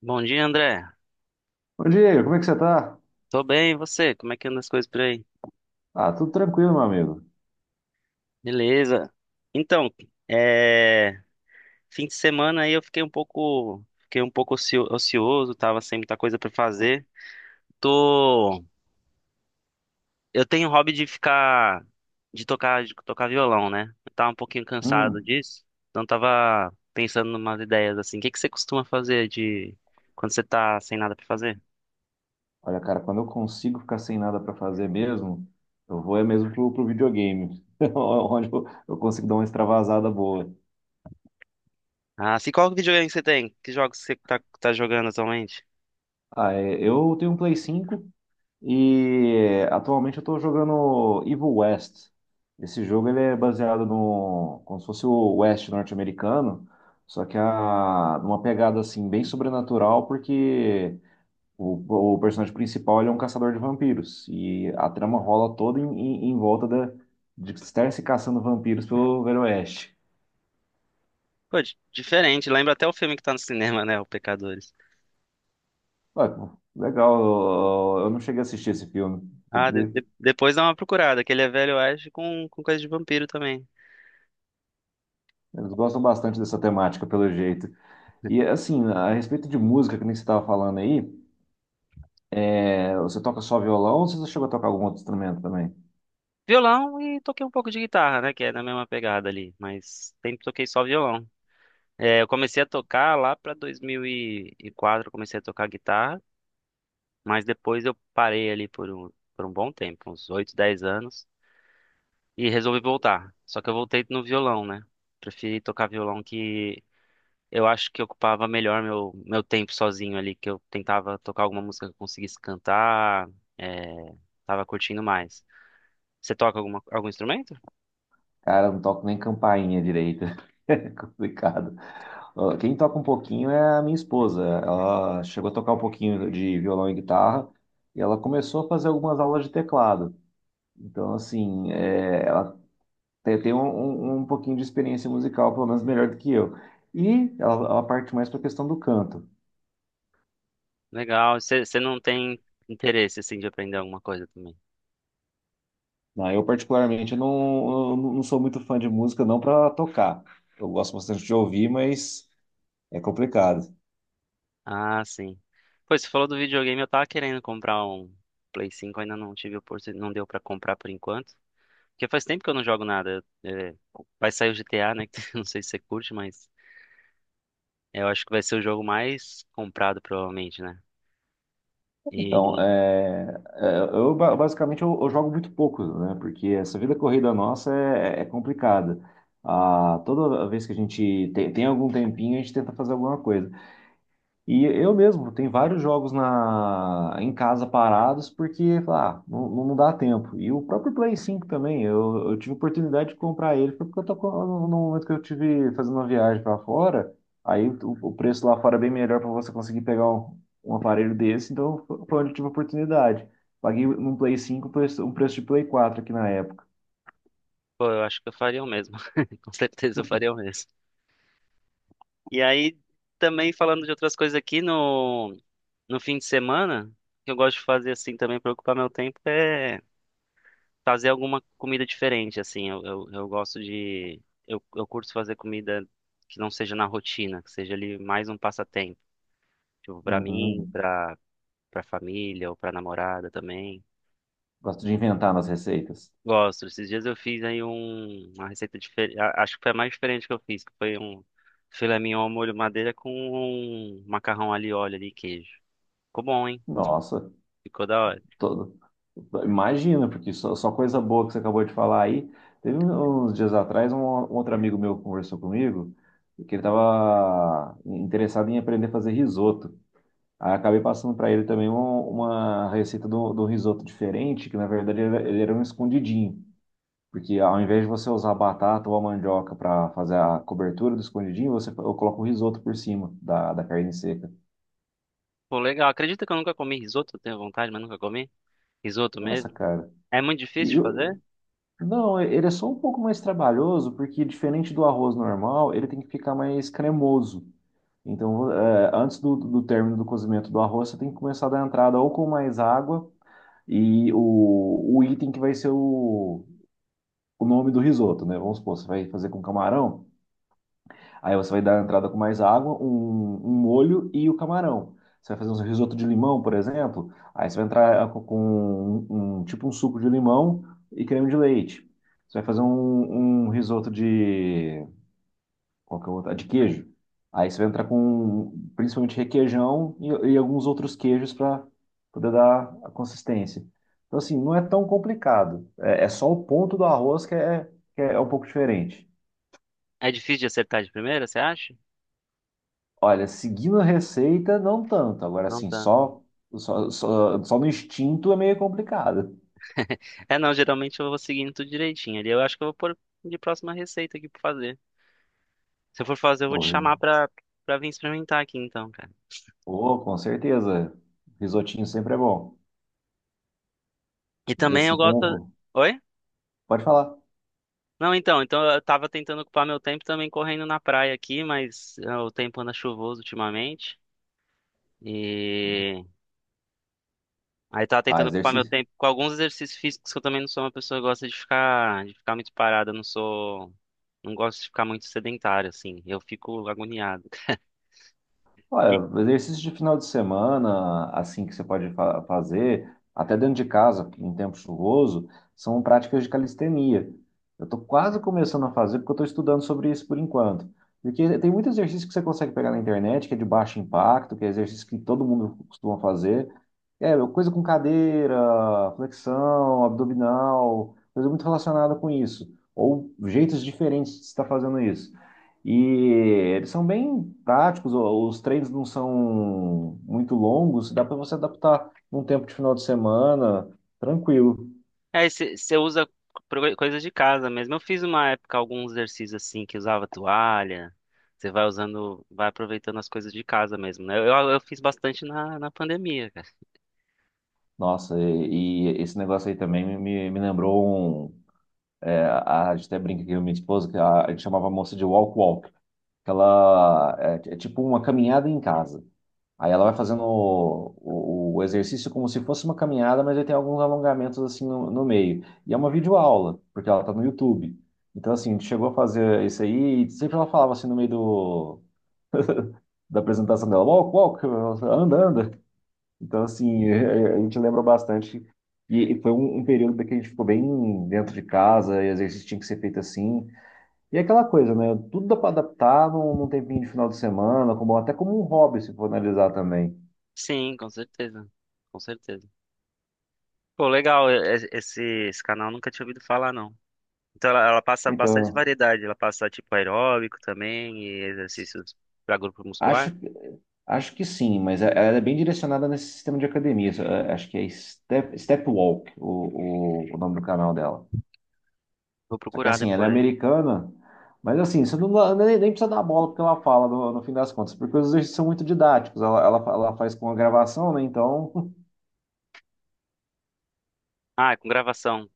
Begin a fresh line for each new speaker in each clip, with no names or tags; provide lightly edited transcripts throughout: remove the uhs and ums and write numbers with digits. Bom dia, André.
Bom Diego, como é que você tá?
Tô bem, e você? Como é que andam as coisas por aí?
Ah, tudo tranquilo, meu amigo.
Beleza. Então, é... fim de semana aí eu fiquei um pouco ocioso, tava sem muita coisa pra fazer. Tô, eu tenho o hobby de tocar violão, né? Eu tava um pouquinho cansado
Hum,
disso, então tava pensando numas ideias assim. O que que você costuma fazer de quando você tá sem nada pra fazer?
olha, cara, quando eu consigo ficar sem nada pra fazer mesmo, eu vou é mesmo pro videogame, onde eu consigo dar uma extravasada boa.
Ah, se qual videogame que você tem? Que jogos você tá jogando atualmente?
Ah, é, eu tenho um Play 5 e atualmente eu tô jogando Evil West. Esse jogo ele é baseado no, como se fosse o West norte-americano, só que a, numa pegada assim bem sobrenatural, porque o personagem principal, ele é um caçador de vampiros. E a trama rola toda em, em volta da, de estar se caçando vampiros pelo Velho Oeste.
Pô, diferente. Lembra até o filme que tá no cinema, né? O Pecadores.
Ué, pô, legal, eu não cheguei a assistir esse filme. Tem
Ah,
que ver.
depois dá uma procurada, que ele é velho oeste com coisa de vampiro também.
Eles gostam bastante dessa temática, pelo jeito. E assim, a respeito de música, que nem você estava falando aí, é, você toca só violão ou você chegou a tocar algum outro instrumento também?
Violão e toquei um pouco de guitarra, né? Que é na mesma pegada ali. Mas sempre toquei só violão. É, eu comecei a tocar lá pra 2004, eu comecei a tocar guitarra. Mas depois eu parei ali por um bom tempo, uns 8 10 anos. E resolvi voltar. Só que eu voltei no violão, né? Preferi tocar violão que eu acho que ocupava melhor meu tempo sozinho ali, que eu tentava tocar alguma música que eu conseguisse cantar, é, tava curtindo mais. Você toca alguma, algum instrumento?
Cara, eu não toco nem campainha direita. É complicado. Ó, quem toca um pouquinho é a minha esposa. Ela chegou a tocar um pouquinho de violão e guitarra e ela começou a fazer algumas aulas de teclado. Então, assim, é, ela tem um, um pouquinho de experiência musical, pelo menos melhor do que eu. E ela parte mais para a questão do canto.
Legal. Você não tem interesse, assim, de aprender alguma coisa também?
Ah, eu, particularmente, eu não sou muito fã de música, não para tocar. Eu gosto bastante de ouvir, mas é complicado.
Ah, sim. Pois, você falou do videogame, eu tava querendo comprar um Play 5, ainda não tive oportunidade, não deu pra comprar por enquanto. Porque faz tempo que eu não jogo nada. É, vai sair o GTA, né? Que eu não sei se você curte, mas eu acho que vai ser o jogo mais comprado, provavelmente, né?
Então,
E
é, é, eu basicamente eu jogo muito pouco, né? Porque essa vida corrida nossa é, é complicada. Ah, toda vez que a gente tem, tem algum tempinho, a gente tenta fazer alguma coisa. E eu mesmo, tem vários jogos na, em casa parados porque ah, não, não dá tempo. E o próprio Play cinco também, eu tive oportunidade de comprar ele, foi porque eu tô, com- no momento que eu tive fazendo uma viagem para fora, aí o preço lá fora é bem melhor para você conseguir pegar um, um aparelho desse, então foi onde eu tive a oportunididade. Paguei num Play cinco um preço de Play quatro aqui na época.
Pô, eu acho que eu faria o mesmo. Com certeza eu faria o mesmo. E aí, também falando de outras coisas aqui, no fim de semana, o que eu gosto de fazer assim também para ocupar meu tempo é fazer alguma comida diferente, assim. Eu gosto de. Eu curto fazer comida que não seja na rotina, que seja ali mais um passatempo. Tipo, pra
Hum,
mim,
hum,
pra família ou pra namorada também.
gosto de inventar nas receitas.
Gosto. Esses dias eu fiz aí um, uma receita diferente. Acho que foi a mais diferente que eu fiz, que foi um filé mignon ao molho madeira com um macarrão ali, óleo ali e queijo. Ficou bom, hein?
Nossa,
Ficou da hora.
to- imagina, porque só, só coisa boa que você acabou de falar aí. Teve um, uns dias atrás, um outro amigo meu conversou comigo, que ele estava interessado em aprender a fazer risoto. Aí acabei passando para ele também uma receita do, do risoto diferente, que na verdade ele era um escondidinho. Porque ao invés de você usar batata ou a mandioca para fazer a cobertura do escondidinho, você eu coloco o risoto por cima da, da carne seca.
Pô, legal. Acredita que eu nunca comi risoto? Eu tenho vontade, mas nunca comi. Risoto
Nossa,
mesmo?
cara.
É muito
E
difícil de
eu-
fazer?
Não, é, ele é só um pouco mais trabalhoso, porque diferente do arroz normal, ele tem que ficar mais cremoso. Então, é, antes do, do término do cozimento do arroz, você tem que começar a dar entrada ou com mais água e o item que vai ser o nome do risoto, né? Vamos supor, você vai fazer com camarão. Aí você vai dar a entrada com mais água, um molho e o camarão. Você vai fazer um risoto de limão, por exemplo. Aí você vai entrar com um, tipo um suco de limão e creme de leite. Você vai fazer um, um risoto de qual que é o outro? Ah, de queijo. Aí você vai entrar com principalmente requeijão e alguns outros queijos para poder dar a consistência. Então assim, não é tão complicado. É, é só o ponto do arroz que é um pouco diferente.
É difícil de acertar de primeira, você acha?
Olha, seguindo a receita, não tanto. Agora,
Não
assim,
tanto.
só no instinto é meio complicado.
É, não. Geralmente eu vou seguindo tudo direitinho ali. Eu acho que eu vou pôr de próxima receita aqui pra fazer. Se eu for fazer, eu vou te
Ou-
chamar pra vir experimentar aqui então, cara.
ou, com certeza. Risotinho sempre é bom.
E
E
também eu
assim
gosto.
como.
Oi?
Pode falar.
Não, então eu tava tentando ocupar meu tempo também correndo na praia aqui, mas ah, o tempo anda chuvoso ultimamente. E aí tava
Ah,
tentando ocupar meu
exercício.
tempo com alguns exercícios físicos que eu também não sou uma pessoa que gosta de ficar muito parada, eu não sou, não gosto de ficar muito sedentário assim. Eu fico agoniado. Que-
Olha, exercício de final de semana, assim que você pode fazer, até dentro de casa, em tempo chuvoso, são práticas de calistenia. Eu estou quase começando a fazer porque eu estou estudando sobre isso por enquanto. Porque tem muito exercício que você consegue pegar na internet, que é de baixo impacto, que é exercício que todo mundo costuma fazer. É, coisa com cadeira, flexão, abdominal, coisa muito relacionada com isso. Ou jeitos diferentes de estar fazendo isso. E eles são bem práticos, os treinos não são muito longos, dá para você adaptar num tempo de final de semana, tranquilo.
É, você usa coisas de casa mesmo. Eu fiz uma época alguns exercícios assim que usava toalha. Você vai usando, vai aproveitando as coisas de casa mesmo, né? Eu fiz bastante na pandemia.
Nossa, e esse negócio aí também me lembrou um. É, a gente até brinca aqui com a minha esposa, que a gente chamava a moça de walk-walk, que ela é, é tipo uma caminhada em casa. Aí ela vai fazendo o, o exercício como se fosse uma caminhada, mas aí tem alguns alongamentos assim no, no meio. E é uma videoaula, porque ela tá no YouTube. Então, assim, a gente chegou a fazer isso aí e sempre ela falava assim no meio do, da apresentação dela, walk, walk, anda, anda. Então, assim, a gente lembra bastante. E foi um, um período que a gente ficou bem dentro de casa, e exercício tinha que ser feito assim. E é aquela coisa, né? Tudo dá para adaptar num, num tempinho de final de semana, como, até como um hobby, se for analisar também.
Sim, com certeza. Com certeza. Pô, legal, esse canal eu nunca tinha ouvido falar, não. Então ela passa bastante
Então.
variedade, ela passa tipo aeróbico também e exercícios para grupo
Acho,
muscular.
acho que sim, mas ela é bem direcionada nesse sistema de academias. Acho que é Step, Step Walk, o nome do canal dela.
Vou
Só que
procurar
assim, ela é
depois.
americana, mas assim, você não, nem, nem precisa dar bola porque ela fala no, no fim das contas, porque os exercícios são muito didáticos. Ela faz com a gravação, né? Então,
Ah, é com gravação.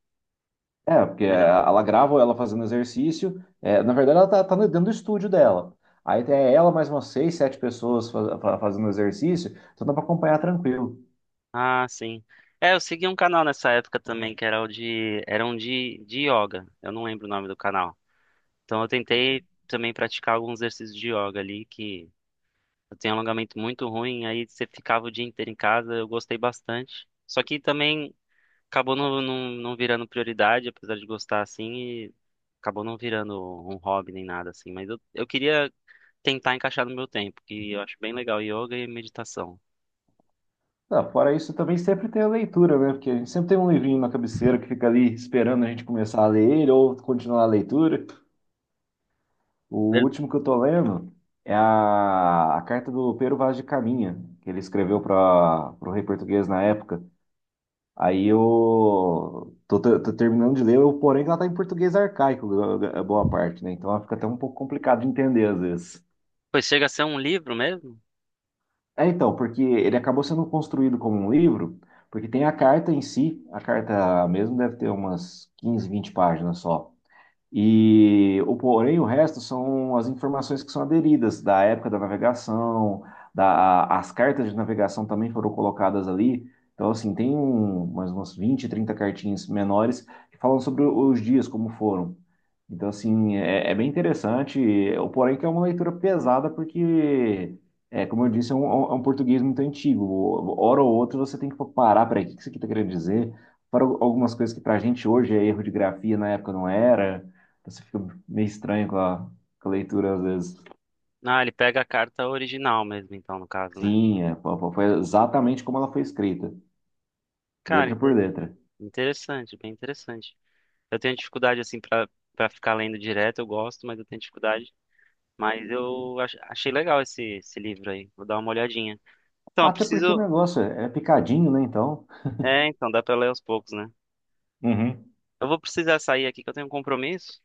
é, porque
Legal.
ela grava ela fazendo exercício. É, na verdade, tá dentro do estúdio dela. Aí tem ela mais umas seis, sete pessoas fazendo exercício, então dá pra acompanhar tranquilo.
Ah, sim. É, eu segui um canal nessa época também, que era era um de yoga. Eu não lembro o nome do canal. Então eu tentei também praticar alguns exercícios de yoga ali que Eu tenho alongamento muito ruim, aí você ficava o dia inteiro em casa, eu gostei bastante. Só que também acabou não virando prioridade, apesar de gostar assim, e acabou não virando um hobby nem nada assim. Mas eu queria tentar encaixar no meu tempo, que eu acho bem legal yoga e meditação.
Ah, fora isso, também sempre tem a leitura, né? Porque a gente sempre tem um livrinho na cabeceira que fica ali esperando a gente começar a ler ele ou continuar a leitura. O
Ver-
último que eu tô lendo é a carta do Pero Vaz de Caminha, que ele escreveu para o Rei Português na época. Aí eu tô, tô terminando de ler, eu, porém ela tá em português arcaico, a boa parte, né? Então ela fica até um pouco complicado de entender às vezes.
Pois chega a ser um livro mesmo?
É, então, porque ele acabou sendo construído como um livro, porque tem a carta em si, a carta mesmo deve ter umas 15, 20 páginas só. E o porém, o resto são as informações que são aderidas da época da navegação, da, as cartas de navegação também foram colocadas ali. Então, assim, tem um, mais umas 20, 30 cartinhas menores que falam sobre os dias, como foram. Então, assim, é, é bem interessante. O porém que é uma leitura pesada, porque, é, como eu disse, é um, é um português muito antigo. Hora ou outra você tem que parar, peraí, o que isso aqui está querendo dizer? Para algumas coisas que para a gente hoje é erro de grafia, na época não era. Então, você fica meio estranho com a leitura às vezes.
Ah, ele pega a carta original mesmo, então, no caso, né?
Sim, é, foi exatamente como ela foi escrita,
Cara,
letra por letra.
interessante, bem interessante. Eu tenho dificuldade assim pra para ficar lendo direto, eu gosto, mas eu tenho dificuldade. Mas eu achei legal esse livro aí. Vou dar uma olhadinha. Então, eu
Até porque o
preciso.
negócio é picadinho, né? Então.
É, então, dá pra ler aos poucos, né?
Uhum.
Eu vou precisar sair aqui que eu tenho um compromisso,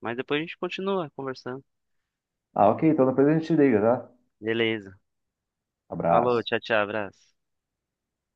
mas depois a gente continua conversando.
Ah, ok, então depois a gente liga, tá?
Beleza. Falou,
Abraço.
tchau, tchau, abraço.